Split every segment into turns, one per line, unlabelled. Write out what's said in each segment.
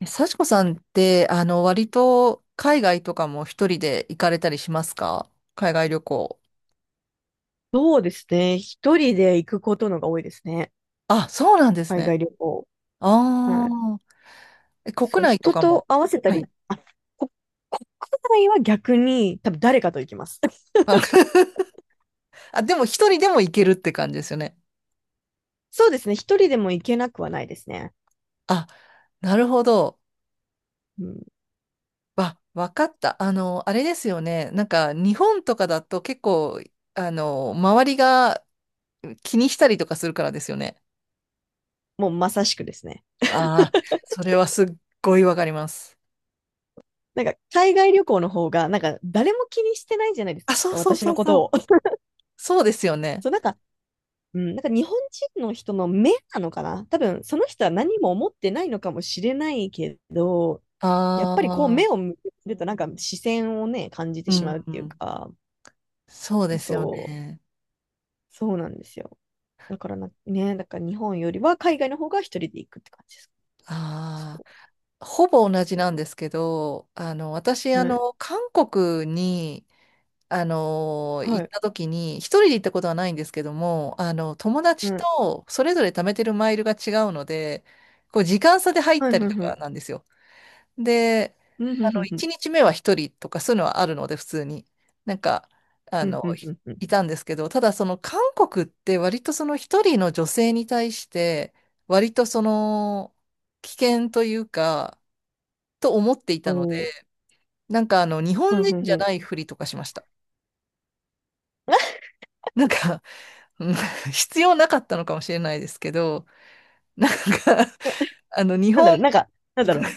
幸子さんって、割と海外とかも一人で行かれたりしますか？海外旅行。
そうですね。一人で行くことのが多いですね。
あ、そうなんです
海
ね。
外旅行。は
あ
い。
あ、国
そう、
内と
人
か
と
も。
合わせた
はい。
り、あ、こ国内は逆に多分誰かと行きます。
あ、あ、でも一人でも行けるって感じですよね。
そうですね。一人でも行けなくはないですね。
あ、なるほど。
うん、
わかった。あれですよね。日本とかだと結構、周りが気にしたりとかするからですよね。
もうまさしくですね。
ああ、それはすっごいわかります。
なんか海外旅行の方が、なんか誰も気にしてないじゃないです
あ、そ
か、
うそう
私
そ
の
う
こ
そ
とを。
う。そうですよね。
そう、なんか、うん、なんか日本人の人の目なのかな、多分その人は何も思ってないのかもしれないけど、やっぱりこう
ああ、
目を向けてるとなんか視線をね、感じて
う
し
ん、
まうっ
う
ていう
ん、
か、
そうですよ
そう、
ね。
そうなんですよ。だから日本よりは海外の方が一人で行くって感じです。そ
あ
う
あ、ほぼ同じ
そ
なんですけど、私、
う。はい。
韓国に、
は
行っ
い。
た時に、一人で行ったことはないんですけども、友達
はい。
とそれぞれ貯めてるマイルが違うので、こう、時間差で入っ
はい。
たり
はい。
と
は
か
い。
なんですよ。で、
うん、ふんふんふ
1
ん。
日目は1人とかそういうのはあるので、普通に。なんか、あ
うん、
の、
ふん
い
ふんふん。
いたんですけど、ただその韓国って割とその1人の女性に対して、割とその危険というか、と思っていたので、
おー。
日
ふ
本
ん
人
ふん
じ
ふ
ゃ
ん。
ないふりとかしました。なんか、うん、 必要なかったのかもしれないですけど、なんか、
な、
あの、日
なんだ
本、
ろう、なんか、なんだろう。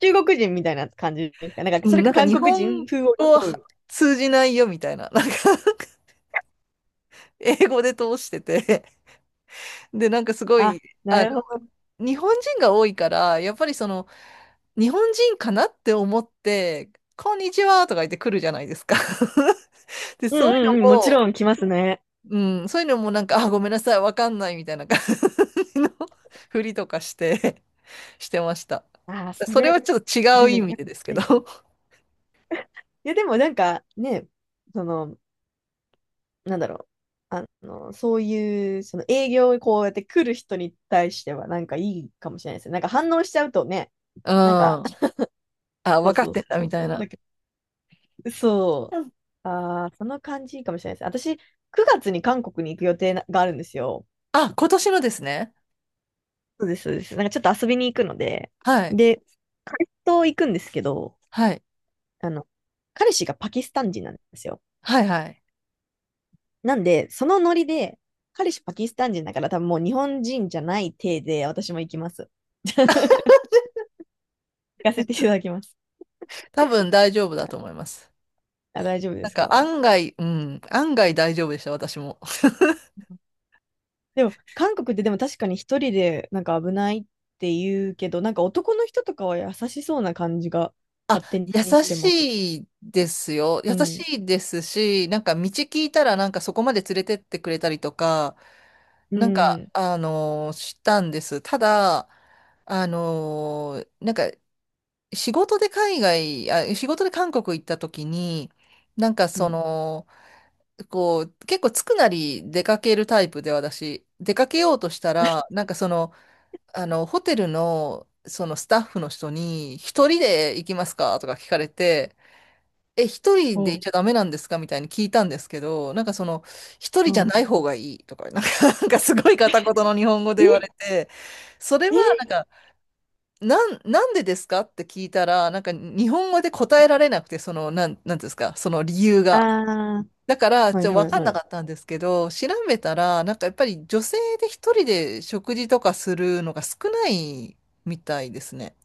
中国人みたいな感じですかなんか、
う
それ
ん、な
か
んか
韓
日
国
本
人風を
語
装
は
う。
通じないよみたいな、なんか英語で通してて、で、なんかすご
あ、
い、
な
あの、
るほど。
日本人が多いから、やっぱりその、日本人かなって思って、こんにちはとか言って来るじゃないですか。で、
うんう
そういう
んうん。もち
の
ろ
も、
ん来ますね。
うん、そういうのもなんか、あ、ごめんなさい、わかんないみたいな感じの ふりとかして、してました。
ああ、そ
それ
れ、
はちょっと
そ
違
れ
う意
めち
味
ゃく
でです
ち
け
ゃいい。
ど。
いや、でもなんかね、その、なんだろう。あの、そういう、その営業にこうやって来る人に対しては、なんかいいかもしれないですね。なんか反応しちゃうとね、
うん。
なんか、
あ、
そ
わ
う
かっ
そう
てんだ
そ
み
う
た
そ
い
う。だ
な。
けど、そ
うん。
う。ああ、その感じいいかもしれないです。私、9月に韓国に行く予定ながあるんですよ。
あ、今年のですね。
そうです、そうです。なんかちょっと遊びに行くので、
はい。
で、彼と行くんですけど、
はい。
あの、彼氏がパキスタン人なんですよ。
はいはい。
なんで、そのノリで、彼氏パキスタン人だから多分もう日本人じゃない体で私も行きます。行かせていただきます。
多分大丈夫
は
だ
い、
と思います。
あ、大丈夫で
なん
す
か
か？
案外、うん、案外大丈夫でした、私も。
でも、韓国ってでも確かに一人でなんか危ないって言うけど、なんか男の人とかは優しそうな感じが
あ、
勝手
優
にしてます。
しいですよ。
う
優
ん。
しいですし、なんか道聞いたらなんかそこまで連れてってくれたりとか、
う
なんか、
ん。
あのー、したんです。ただ、あのー、なんか仕事で海外、あ、仕事で韓国行った時に、なんか
う
そ
ん。
の、こう、結構つくなり出かけるタイプで私、出かけようとしたら、なんかその、ホテルの、そのスタッフの人に、一人で行きますかとか聞かれて、え、一
お
人で行っ
う。
ちゃダメなんですかみたいに聞いたんですけど、なんかその、一人
う
じゃ
ん。
ない方がいいとか、なんか、なんかすごい片言の日本語で言われ
え
て、それはなん
え、
か、なんでですかって聞いたら、なんか日本語で答えられなくて、その、なんていうんですか、その理由が。
ああ
だから、
ー、は
ち
い
ょっとわ
はい
かん。ん
は
なか
い。
ったんですけど、調べたら、なんかやっぱり女性で一人で食事とかするのが少ないみたいですね。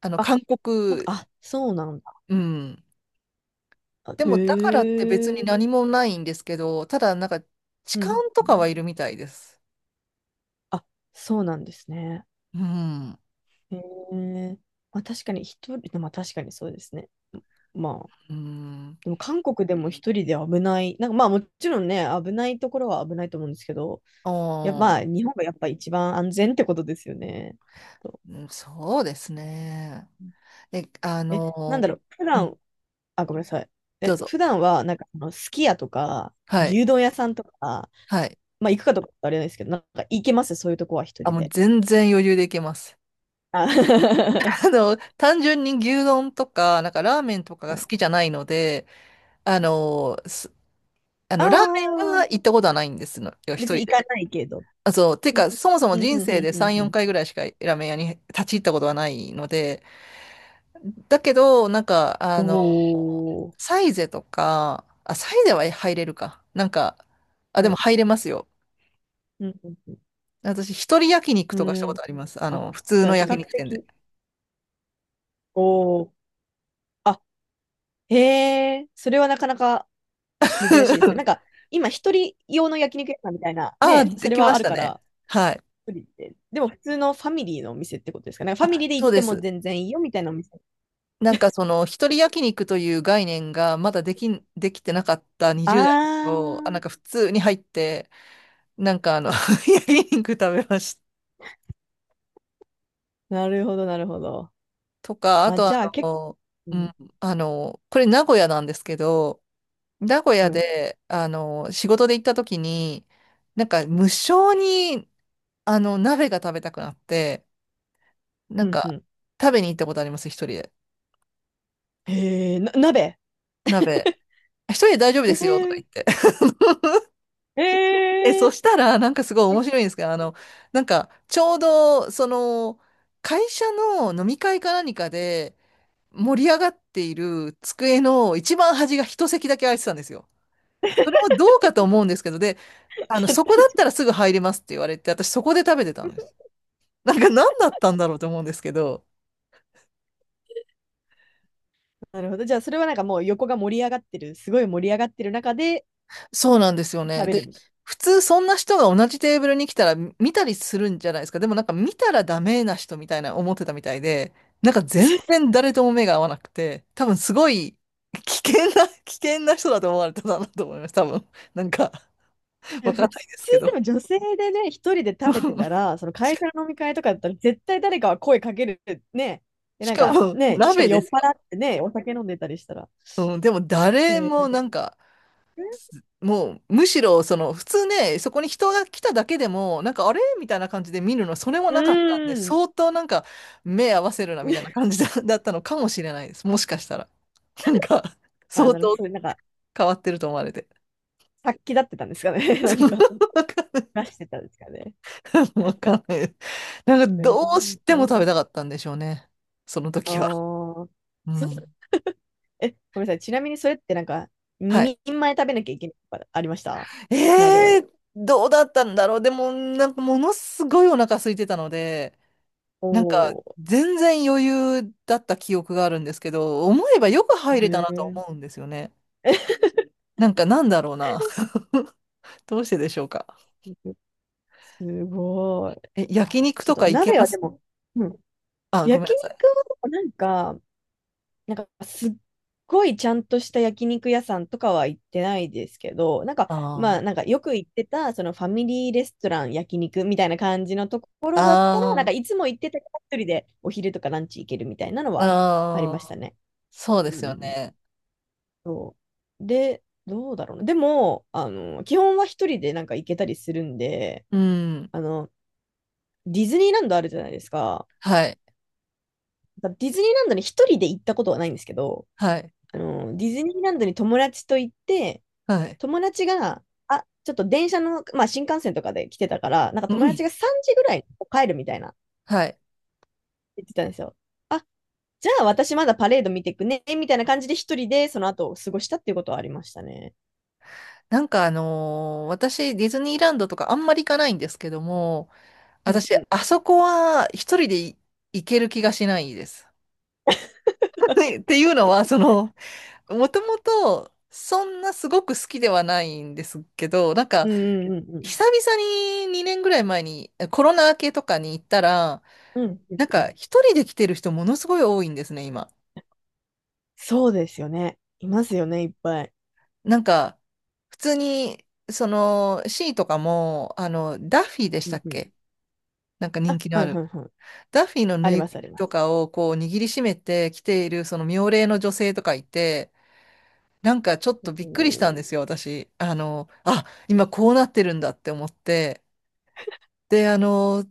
あの、
あ、
韓
なんか、
国、
あ、そうなん
うん。
だ。
で
へ
も、だからって別に
え。
何もないんですけど、ただ、なんか、痴
う
漢
ん。
とかはいるみたいです。
あ、そうなんですね。
うん。
へえ。まあ確かに一人、でも確かにそうですね。まあ、
うん。
でも韓国でも一人で危ない、なんかまあもちろんね、危ないところは危ないと思うんですけど、
あ
やっぱま
あ、
あ日本がやっぱ一番安全ってことですよね。と
うん、そうですね。え、あ
なん
の、
だろう、普
うん、
段、あ、ごめんなさい。
どうぞ。
普段はなんかあのすき家とか
はい。
牛丼屋さんとか、
はい。
まあ行くかとかあれなんですけど、なんか行けますそういうとこは一
あ、
人
もう
で。
全然余裕でいけます。
あ
単純に牛丼とか、なんかラーメンとかが好きじゃないので、あの、す
あ
ラーメンは
ー、
行ったことはないんですのよ、
別
一
に
人
行か
で。
ないけど。
あ、そう、てか、そもそも
うん、
人
うん、
生
うん、
で
うん。
3、
う
4
ん、
回ぐらいしかラーメン屋に立ち入ったことはないので、だけど、なんか、
おー。
サイゼとか、あ、サイゼは入れるか。なんか、あ、で
は
も
い。
入れますよ。
うん。
私、一人焼肉
う
とかした
ん
こ
う
と
ん。
あります。あ
あ、
の、普通
じゃあ
の
比
焼
較
肉店で。
的、おー。あ、へえ、それはなかなか珍しいですよ。なんか、今、一人用の焼肉屋さんみたいな、
あ、
ね、そ
で
れ
きま
はあ
し
る
た
か
ね。
ら、
はい。
一人で。でも、普通のファミリーのお店ってことですかね。ファミ
あ、
リーで
そ
行っ
うで
ても
す。
全然いいよ、みたいなお店。
なんかその一人焼肉という概念がまだできてなかった20代の
あ
頃、あ、な
ー、
んか普通に入って、なんかあの、焼肉食べました
なるほど、なるほど。
とか、あ
あ、
とあ
じゃあ、結
の、
構、
う
う
ん、これ名古屋なんですけど、名古屋
ん、
で、仕事で行った時に、なんか無性に、鍋が食べたくなって、な
う
ん
ん、う
か
ん。
食べに行ったことあります、一人で。
へえ、鍋。
鍋。一人で大丈夫で
へ
すよとか
え、
言って。
へ
え、そ
え。
したら、なんかすごい面白いんですけど、なんか、ちょうど、その、会社の飲み会か何かで盛り上がっている机の一番端が一席だけ空いてたんですよ。それもどうかと思うんですけど、で、そこだったらすぐ入れますって言われて、私そこで食べてたんです。なんか何だったんだろうと思うんですけど、
なるほど。じゃあ、それはなんかもう横が盛り上がってる、すごい盛り上がってる中で
そうなんですよ
食
ね。
べ
で、
る。
普通そんな人が同じテーブルに来たら見たりするんじゃないですか。でもなんか見たらダメな人みたいな思ってたみたいで、なんか全 然誰とも目が合わなくて、多分すごい危険な、危険な人だと思われたんだなと思います。多分。なんか
い
わ
や、
かん
普
ないです
通
け
で
ど。
も女性でね、一人で食べてた ら、その会社の飲み会とかだったら、絶対誰かは声かけるね。で、
し
なん
か
か
も
ね、しかも
鍋
酔
で
っ
す
払
よ。
ってね、お酒飲んでたりしたら。
うん、でも
へ
誰も
え、
なんか、もうむしろその普通ね、そこに人が来ただけでも、なんかあれみたいな感じで見るの、それも
う
なかったんで、
ーん。
相当なんか目合わせるなみたいな 感じだったのかもしれないです。もしかしたら。なんか、
あ、
相
なるほど。
当
それなんか、
変わってると思われて。
殺気立ってたんですかね。な
そ
んか、出してたんですかね。
う、わかんない。ななんか
え
どう
ー、
しても食
そ
べ
う。
たかったんでしょうね。その時は。
ああ、
う
そ
ん。
ごめんなさい。ちなみにそれってなんか、
はい。
2人前食べなきゃいけないとかありました？鍋
え
を。
ー、どうだったんだろう。でも、なんかものすごいお腹空いてたので、なんか、
おー、
全然余裕だった記憶があるんですけど、思えばよく入れた
へ
なと思うんですよね。
え、
なんか、なんだろうな。どうしてでしょうか。
すごい。
え、
あ、確
焼
かに
肉
ちょっ
と
と
か行け
鍋
ま
はで
す？
も、うん、
あ、ごめん
焼
なさ
肉
い。
はなんか、なんかすっごいちゃんとした焼肉屋さんとかは行ってないですけど、なんか、まあ、
あ
なんかよく行ってた、そのファミリーレストラン焼肉みたいな感じのとこ
あ、
ろだったら、なんか
あ
いつも行ってたから一人でお昼とかランチ行けるみたいなの
あ、
はありま
あ
し
あ、
たね。
そう
う
で
んう
すよ
んうん、
ね。
そう。で、どうだろうな。でも、あの、基本は一人でなんか行けたりするんで、
うん。
あの、ディズニーランドあるじゃないですか。
はい、
ディズニーランドに一人で行ったことはないんですけど、
はい、
あの、ディズニーランドに友達と行って、
はい。
友達が、あ、ちょっと電車の、まあ新幹線とかで来てたから、なんか
う
友達
ん、
が3時ぐらいに帰るみたいな
はい。
言ってたんですよ。あ、じゃあ私まだパレード見てくね、みたいな感じで一人でその後を過ごしたっていうことはありましたね。
なんかあのー、私、ディズニーランドとかあんまり行かないんですけども、
うん
私、
う
あ
ん。
そこは一人でい行ける気がしないです。っていうのは、その、もともと、そんなすごく好きではないんですけど、なん
う
か、
んうんうんう
久
ん。
々に2年ぐらい前にコロナ明けとかに行ったら、
うんうん
なん
う
か、
ん、
一人で来てる人ものすごい多いんですね、今。
そうですよね。いますよね、いっぱい。
なんか、普通に、その、C とかも、ダッフィーでし
う
た
ん
っ
うん。
け？なんか人
あ、
気の
は
あ
いは
る。
いはい。
ダッフィーの
あ
ぬ
り
い
ま
ぐ
す、
る
あり
み
ま
と
す。
かをこう握りしめて来ている、その妙齢の女性とかいて、なんかちょっと
そ
びっくりし
う、
たんですよ、私。あの、あ、今こうなってるんだって思って。で、あの、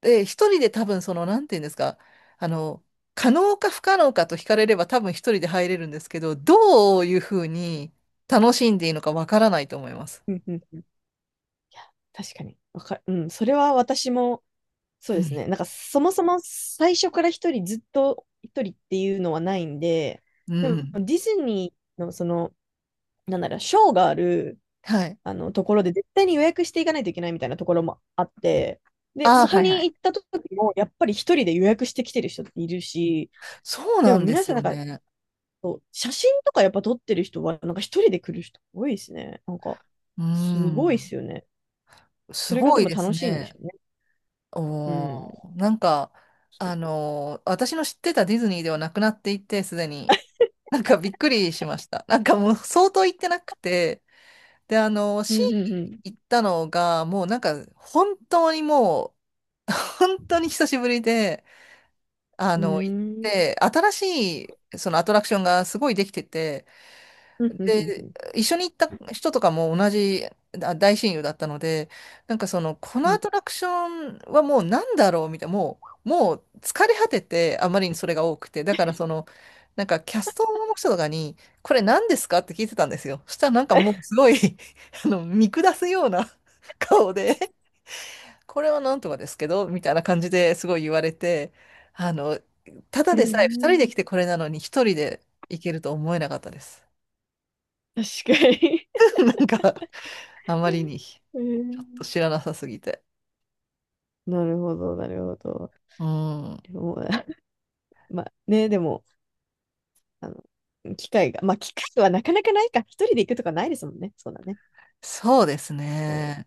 で、一人で多分その、なんていうんですか、あの、可能か不可能かと聞かれれば多分一人で入れるんですけど、どういうふうに楽しんでいいのかわからないと思います。
うんうんうん。いや、確かに。うん、それは私も、そう
う
です
ん。
ね。なんか、そもそも最初から一人、ずっと一人っていうのはないんで、
う
でも、
ん、
ディズニーの、その、なんだろう、ショーがある、
はい。
あの、ところで、絶対に予約していかないといけないみたいなところもあって、で、
ああ、
そ
は
こ
いは
に
い。
行った時も、やっぱり一人で予約してきてる人っているし、
そう
で
な
も
んで
皆
す
さんな
よ
んか、
ね。
そう、写真とかやっぱ撮ってる人は、なんか一人で来る人多いですね。なんか、
う
すごいで
ん。
すよね。そ
す
れが
ご
で
い
も
です
楽しいんでし
ね。
ょうね。う
お
ん。
ー、なんか、
そ
あ
う。
のー、私の知ってたディズニーではなくなっていて、すでに。なんかびっくりしました。なんかもう相当行ってなくて、で、
う
シ
ん、う
ー
ん、
行ったのが、もうなんか、本当にもう、本当に久しぶりで、
う
行っ
ん。
て、新しい、そのアトラクションがすごいできてて、
うん、うん、うん、う
で、
ん。
一緒に行った人とかも同じ大親友だったので、なんかその、こ
う
の
ん、
アトラクションはもうなんだろうみたいな、もう、もう疲れ果てて、あまりにそれが多くて、だからその、なんかキャストの人とかに、これ何ですかって聞いてたんですよ。そしたらなんかもうすごい あの、見下すような 顔で、これはなんとかですけど、みたいな感じですごい言われて、あの、ただ
え
でさえ2人
ー、
で来てこれなのに1人で行けると思えなかったです。
確かに。
なんかあまりに、ち
え
ょっ
ー、
と知らなさすぎて。
なるほど、なるほど。
うん。
でも、まあね、でも、あの、機会が、まあ機会はなかなかないか、一人で行くとかないですもんね。そうだね。
そうです
そう。
ね。